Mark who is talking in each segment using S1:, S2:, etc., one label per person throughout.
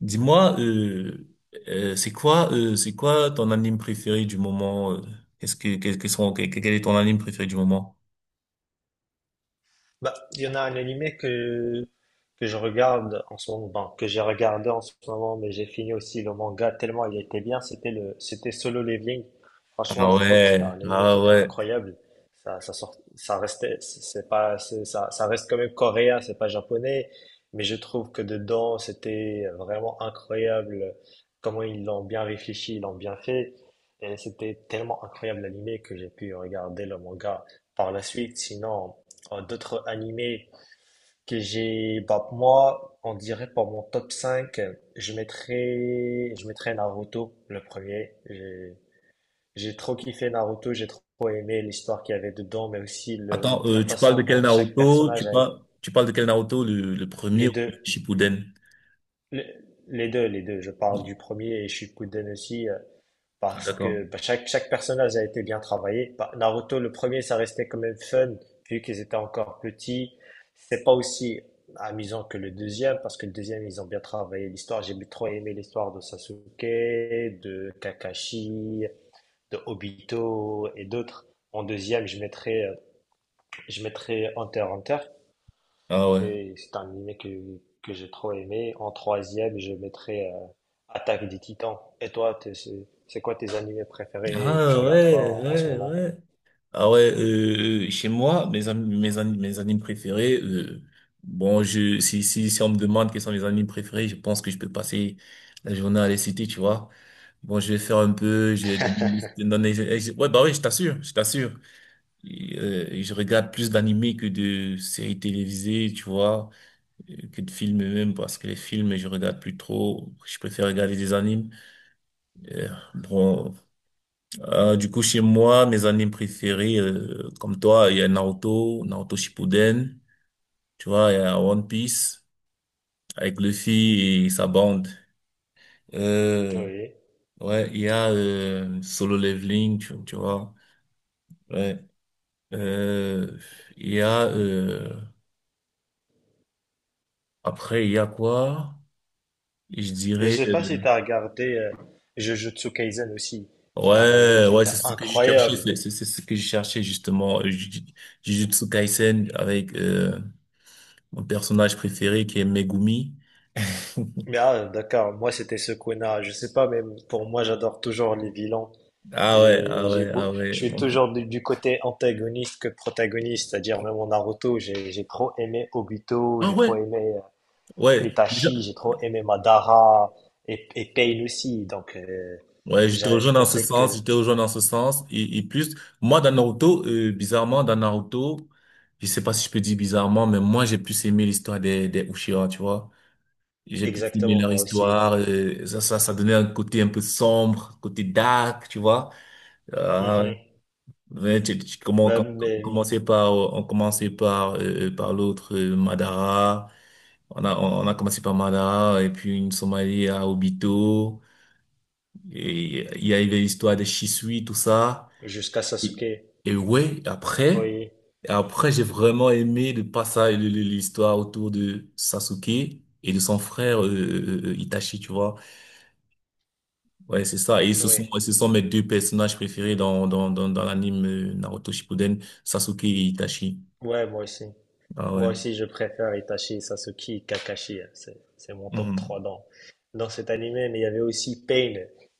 S1: Dis-moi, c'est quoi ton anime préféré du moment? Qu'est-ce que, quels que sont, quel, quel est ton anime préféré du moment?
S2: Bah, il y en a un animé que je regarde en ce moment, bon, que j'ai regardé en ce moment, mais j'ai fini aussi le manga tellement il était bien, c'était Solo Leveling. Franchement,
S1: Ah
S2: je trouve que c'était
S1: ouais,
S2: un animé qui
S1: ah
S2: était
S1: ouais.
S2: incroyable. Ça sort, ça restait, c'est pas, c'est- Ça reste quand même coréen, c'est pas japonais, mais je trouve que dedans, c'était vraiment incroyable comment ils l'ont bien réfléchi, ils l'ont bien fait. Et c'était tellement incroyable l'animé que j'ai pu regarder le manga par la suite. Sinon, d'autres animés que j'ai, bah, moi, on dirait pour mon top 5 je mettrais Naruto, le premier. J'ai trop kiffé Naruto, j'ai trop aimé l'histoire qu'il y avait dedans, mais aussi
S1: Attends,
S2: la
S1: tu parles
S2: façon
S1: de quel
S2: dont chaque
S1: Naruto? Tu
S2: personnage a été.
S1: parles, tu parles de quel Naruto? Le premier
S2: Les
S1: ou le
S2: deux,
S1: Shippuden?
S2: le- les, deux, Les deux, je parle du premier et Shippuden aussi.
S1: Ah,
S2: Parce
S1: d'accord.
S2: que bah, chaque personnage a été bien travaillé. Bah, Naruto, le premier, ça restait quand même fun, vu qu'ils étaient encore petits. C'est pas aussi amusant que le deuxième, parce que le deuxième, ils ont bien travaillé l'histoire. J'ai trop aimé l'histoire de Sasuke, de Kakashi, de Obito et d'autres. En deuxième, je mettrais Hunter x Hunter.
S1: Ah ouais.
S2: C'est un anime que j'ai trop aimé. En troisième, je mettrais Attaque des Titans. Et toi, c'est quoi tes animés préférés? Tu
S1: Ah
S2: regardes
S1: ouais,
S2: quoi en ce
S1: ouais,
S2: moment?
S1: ouais. Ah ouais, chez moi, mes animes préférés, bon, si on me demande quels sont mes animes préférés, je pense que je peux passer la journée à les citer, tu vois. Bon, je vais faire un peu, je vais donner, ouais, bah oui, je t'assure. Et, je regarde plus d'animés que de séries télévisées, tu vois, que de films même, parce que les films, je regarde plus trop. Je préfère regarder des animes. Euh, bon, du coup, chez moi, mes animes préférés, comme toi, il y a Naruto, Naruto Shippuden, tu vois, il y a One Piece avec Luffy et sa bande. Euh,
S2: Oui.
S1: ouais, il y a Solo Leveling, tu vois. Ouais. Euh, il y a après, il y a quoi? Je
S2: Je
S1: dirais
S2: sais pas si tu as regardé Jujutsu Kaisen aussi. C'est un animé
S1: ouais,
S2: qui
S1: ouais,
S2: était
S1: c'est ce que je cherchais,
S2: incroyable.
S1: c'est ce que je cherchais justement. Jujutsu Kaisen avec mon personnage préféré qui est Megumi.
S2: Mais ah, d'accord, moi c'était Sukuna. Je sais pas, même pour moi, j'adore toujours les vilains.
S1: Ah ouais, ah ouais, ah ouais.
S2: Je suis toujours du côté antagoniste que protagoniste, c'est-à-dire même en Naruto, j'ai trop aimé Obito,
S1: Ah
S2: j'ai
S1: ouais,
S2: trop aimé
S1: ouais. Déjà,
S2: Itachi, j'ai trop aimé Madara et Pain aussi. Donc,
S1: ouais,
S2: j'a- je pensais
S1: je
S2: que
S1: te rejoins dans ce sens. Et plus, moi, dans Naruto, je sais pas si je peux dire bizarrement, mais moi, j'ai plus aimé l'histoire des Uchiha, tu vois. J'ai plus aimé
S2: exactement,
S1: leur
S2: moi aussi.
S1: histoire. Ça donnait un côté un peu sombre, côté dark, tu vois. Ah ouais.
S2: Mhm.
S1: Ouais, comment,
S2: Ben,
S1: quand
S2: mais oui,
S1: on commençait par, par l'autre, Madara. On a commencé par Madara, et puis une Somalie à Obito. Et il y avait l'histoire de Shisui, tout ça.
S2: jusqu'à
S1: Et,
S2: Sasuke.
S1: et ouais, après,
S2: Oui,
S1: après, j'ai vraiment aimé le passage, l'histoire autour de Sasuke et de son frère, Itachi, tu vois. Ouais, c'est ça. Et ce
S2: oui,
S1: sont, ouais, ce sont mes deux personnages préférés dans l'anime Naruto Shippuden, Sasuke et Itachi.
S2: ouais, moi aussi.
S1: Ah ouais.
S2: Moi aussi, je préfère Itachi, Sasuke, Kakashi, hein. C'est mon top
S1: Mhm.
S2: 3 dans cet animé. Mais il y avait aussi Pain.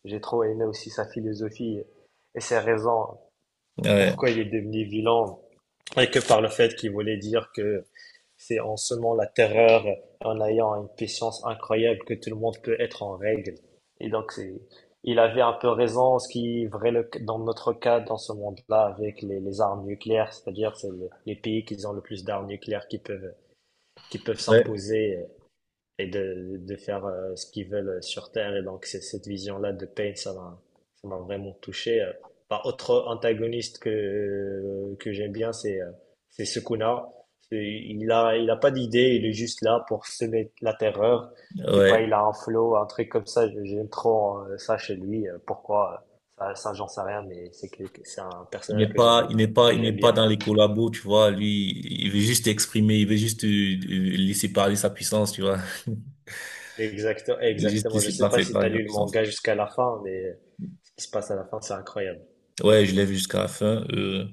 S2: J'ai trop aimé aussi sa philosophie et ses raisons
S1: Ouais.
S2: pourquoi il est devenu vilain. Et que par le fait qu'il voulait dire que c'est en semant la terreur, en ayant une puissance incroyable que tout le monde peut être en règle. Et donc, il avait un peu raison, ce qui est vrai dans notre cas, dans ce monde-là, avec les armes nucléaires, c'est-à-dire c'est les pays qui ont le plus d'armes nucléaires qui peuvent
S1: Ouais.
S2: s'imposer et de faire ce qu'ils veulent sur Terre. Et donc, c'est cette vision-là de Payne, ça m'a vraiment touché. Par autre antagoniste que j'aime bien, c'est Sukuna. Il a pas d'idée, il est juste là pour semer la terreur. Je sais pas,
S1: Ouais.
S2: il a un flow, un truc comme ça. J'aime trop ça chez lui. Pourquoi? Ça, ça j'en sais rien, mais c'est un personnage que j'aime, que
S1: Il n'est
S2: j'aime
S1: pas
S2: bien.
S1: dans les collabos, tu vois. Lui, il veut juste exprimer, il veut juste laisser parler sa puissance, tu vois.
S2: Exactement,
S1: Il veut juste
S2: exactement. Je
S1: laisser
S2: sais pas
S1: parler,
S2: si t'as
S1: parler sa
S2: lu le
S1: puissance.
S2: manga jusqu'à la fin, mais ce qui se passe à la fin, c'est incroyable.
S1: Ouais, je l'ai vu jusqu'à la fin.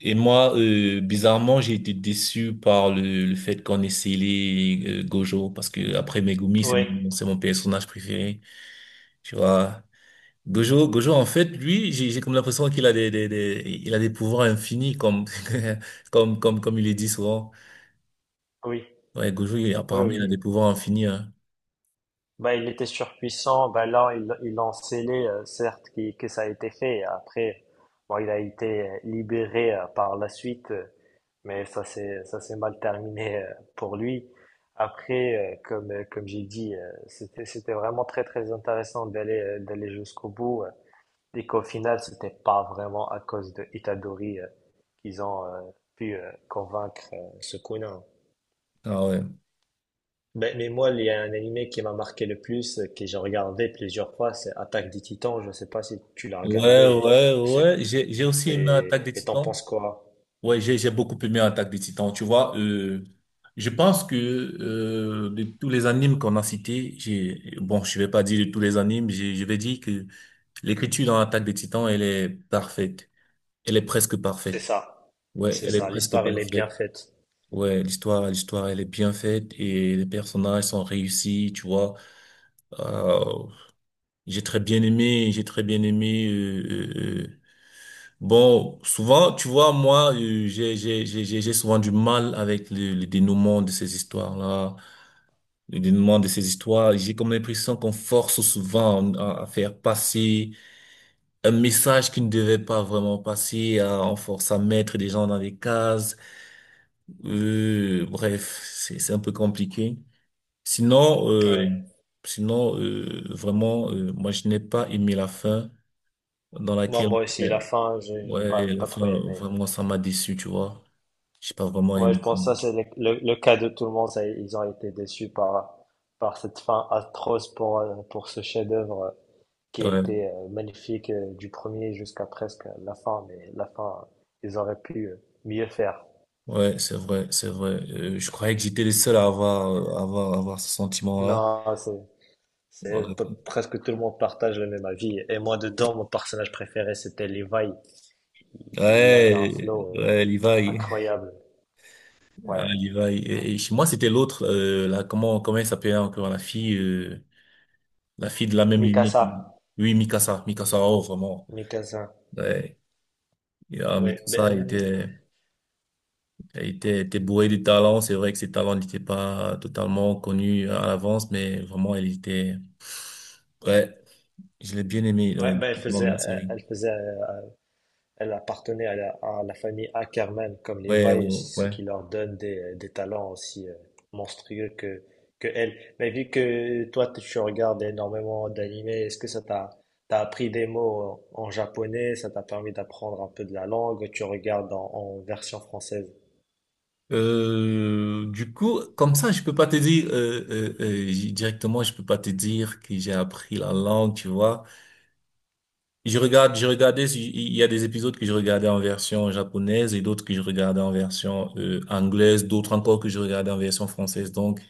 S1: Et moi, bizarrement, j'ai été déçu par le fait qu'on ait scellé Gojo, parce que après Megumi,
S2: Oui,
S1: c'est mon personnage préféré, tu vois. Gojo, Gojo, en fait, lui, j'ai comme l'impression qu'il a il a des pouvoirs infinis, comme il est dit souvent.
S2: oui,
S1: Ouais,
S2: oui,
S1: apparemment, il a
S2: oui.
S1: des pouvoirs infinis, hein.
S2: Bah, il était surpuissant. Bah, là, il en scellé, certes, que ça a été fait. Après, bon, il a été libéré par la suite, mais ça s'est mal terminé pour lui. Après, comme j'ai dit, c'était vraiment très, très intéressant d'aller jusqu'au bout. Et qu'au final, c'était pas vraiment à cause de Itadori, qu'ils ont, pu, convaincre, Sukuna.
S1: Ah ouais.
S2: Ben, mais moi, il y a un animé qui m'a marqué le plus, que j'ai regardé plusieurs fois, c'est Attaque des Titans. Je ne sais pas si tu l'as regardé
S1: Ouais, ouais,
S2: et, et c'est-
S1: ouais. J'ai aussi aimé
S2: et-
S1: Attaque des
S2: et t'en
S1: Titans.
S2: penses quoi?
S1: Ouais, j'ai beaucoup aimé Attaque des Titans. Tu vois, je pense que, de tous les animes qu'on a cités, je vais pas dire de tous les animes, je vais dire que l'écriture dans Attaque des Titans, elle est parfaite. Elle est presque
S2: C'est
S1: parfaite.
S2: ça.
S1: Ouais,
S2: C'est
S1: elle est
S2: ça.
S1: presque
S2: L'histoire, elle est bien
S1: parfaite.
S2: faite.
S1: Ouais, l'histoire, elle est bien faite et les personnages sont réussis, tu vois. Euh, j'ai très bien aimé, j'ai très bien aimé. Bon, souvent, tu vois, moi, j'ai souvent du mal avec le dénouement de ces histoires-là, le dénouement de ces histoires. J'ai comme l'impression qu'on force souvent à faire passer un message qui ne devait pas vraiment passer, à, on force à mettre des gens dans des cases. Bref, c'est un peu compliqué. Sinon,
S2: Ouais.
S1: vraiment, moi, je n'ai pas aimé la fin dans
S2: Moi,
S1: laquelle,
S2: moi aussi,
S1: euh,
S2: la fin, je n'ai
S1: ouais,
S2: pas, j'ai
S1: la
S2: pas trop
S1: fin,
S2: aimé.
S1: vraiment, ça m'a déçu, tu vois. J'ai pas vraiment
S2: Ouais, je
S1: aimé ça.
S2: pense que ça, c'est le cas de tout le monde. Ça, ils ont été déçus par cette fin atroce pour ce chef-d'œuvre qui a
S1: Ouais,
S2: été magnifique du premier jusqu'à presque la fin. Mais la fin, ils auraient pu mieux faire.
S1: ouais, c'est vrai, c'est vrai. Je croyais que j'étais le seul à avoir, avoir ce sentiment-là.
S2: Non,
S1: Ouais,
S2: presque tout le monde partage le même avis. Et moi, dedans, mon personnage préféré, c'était Levi. Il avait un
S1: ouais,
S2: flow
S1: ouais, Levi.
S2: incroyable.
S1: Ah,
S2: Ouais.
S1: Levi. Et chez moi, c'était l'autre, là, comment elle s'appelait encore, la fille de la même lignée.
S2: Mikasa.
S1: Oui, Mikasa, Mikasa, oh, vraiment.
S2: Mikasa.
S1: Ouais, et, ah,
S2: Ouais. Ben,
S1: Était bourré de talent. C'est vrai que ses talents n'étaient pas totalement connus à l'avance, mais vraiment, ouais, je l'ai bien aimé,
S2: ouais, ben,
S1: dans la série.
S2: elle faisait elle appartenait à la famille Ackermann, comme les
S1: Ouais, ouais,
S2: Vailles, ce qui
S1: ouais.
S2: leur donne des talents aussi monstrueux que elle. Mais vu que toi, tu regardes énormément d'animés, est-ce que t'as appris des mots en japonais, ça t'a permis d'apprendre un peu de la langue, tu regardes en version française?
S1: Du coup, comme ça, je peux pas te dire, directement, je peux pas te dire que j'ai appris la langue, tu vois. Je regardais, si, il y a des épisodes que je regardais en version japonaise et d'autres que je regardais en version, anglaise, d'autres encore que je regardais en version française. Donc,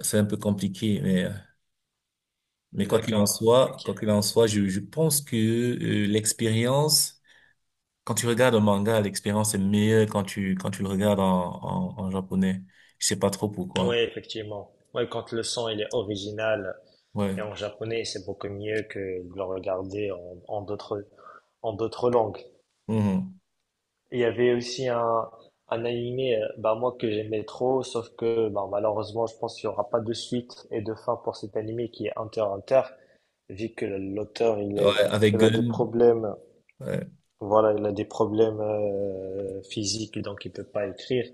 S1: c'est un peu compliqué, mais quoi qu'il en
S2: D'accord,
S1: soit,
S2: ok.
S1: quoi qu'il en soit, je pense que l'expérience, quand tu regardes un manga, l'expérience est meilleure quand tu le regardes en, en japonais. Je sais pas trop pourquoi.
S2: Oui, effectivement. Ouais, quand le son il est original
S1: Ouais.
S2: et en japonais, c'est beaucoup mieux que de le regarder en d'autres langues.
S1: Mhm.
S2: Il y avait aussi un animé, bah, moi, que j'aimais trop, sauf que, bah, malheureusement, je pense qu'il n'y aura pas de suite et de fin pour cet animé qui est Hunter x Hunter, vu que l'auteur,
S1: Ouais, avec
S2: il a des
S1: Gun.
S2: problèmes,
S1: Ouais.
S2: voilà, il a des problèmes, physiques, donc il peut pas écrire.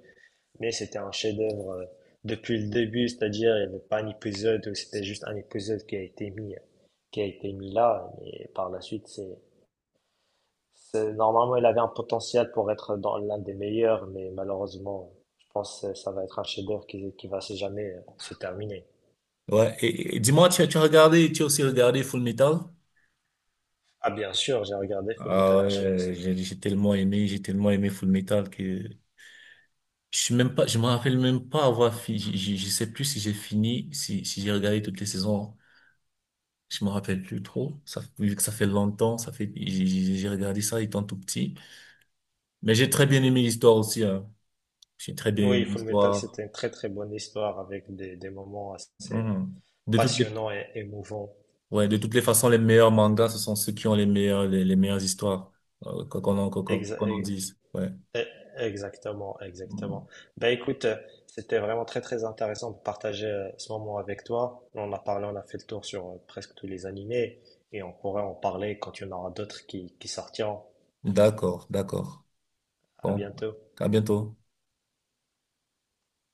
S2: Mais c'était un chef-d'œuvre depuis le début, c'est-à-dire, il n'y avait pas un épisode où c'était juste un épisode qui a été mis là, et par la suite, il avait un potentiel pour être dans l'un des meilleurs, mais malheureusement, je pense que ça va être un chef-d'œuvre qui va se jamais se terminer.
S1: Ouais. Et, et dis-moi, tu as regardé, tu as aussi regardé Full Metal?
S2: Ah, bien sûr, j'ai regardé Full
S1: Ah
S2: Metal
S1: ouais,
S2: Alchemist.
S1: j'ai tellement aimé Full Metal que je me rappelle même pas avoir fini, je sais plus si j'ai fini, si j'ai regardé toutes les saisons. Je me rappelle plus trop. Ça, vu que ça fait longtemps, ça fait, j'ai regardé ça étant tout petit. Mais j'ai très bien aimé l'histoire aussi, hein. J'ai très bien aimé
S2: Oui, Full Metal,
S1: l'histoire.
S2: c'était une très très bonne histoire avec des moments assez
S1: Mhm. De toutes les,
S2: passionnants et émouvants.
S1: ouais, de toutes les façons, les meilleurs mangas, ce sont ceux qui ont les meilleurs, les meilleures histoires,
S2: Exa-
S1: qu'on en dise. Ouais.
S2: E- Exactement, exactement.
S1: Mhm.
S2: Ben écoute, c'était vraiment très très intéressant de partager ce moment avec toi. On a parlé, on a fait le tour sur presque tous les animés et on pourrait en parler quand il y en aura d'autres qui sortiront.
S1: D'accord, d'accord.
S2: À
S1: Bon.
S2: bientôt.
S1: À bientôt.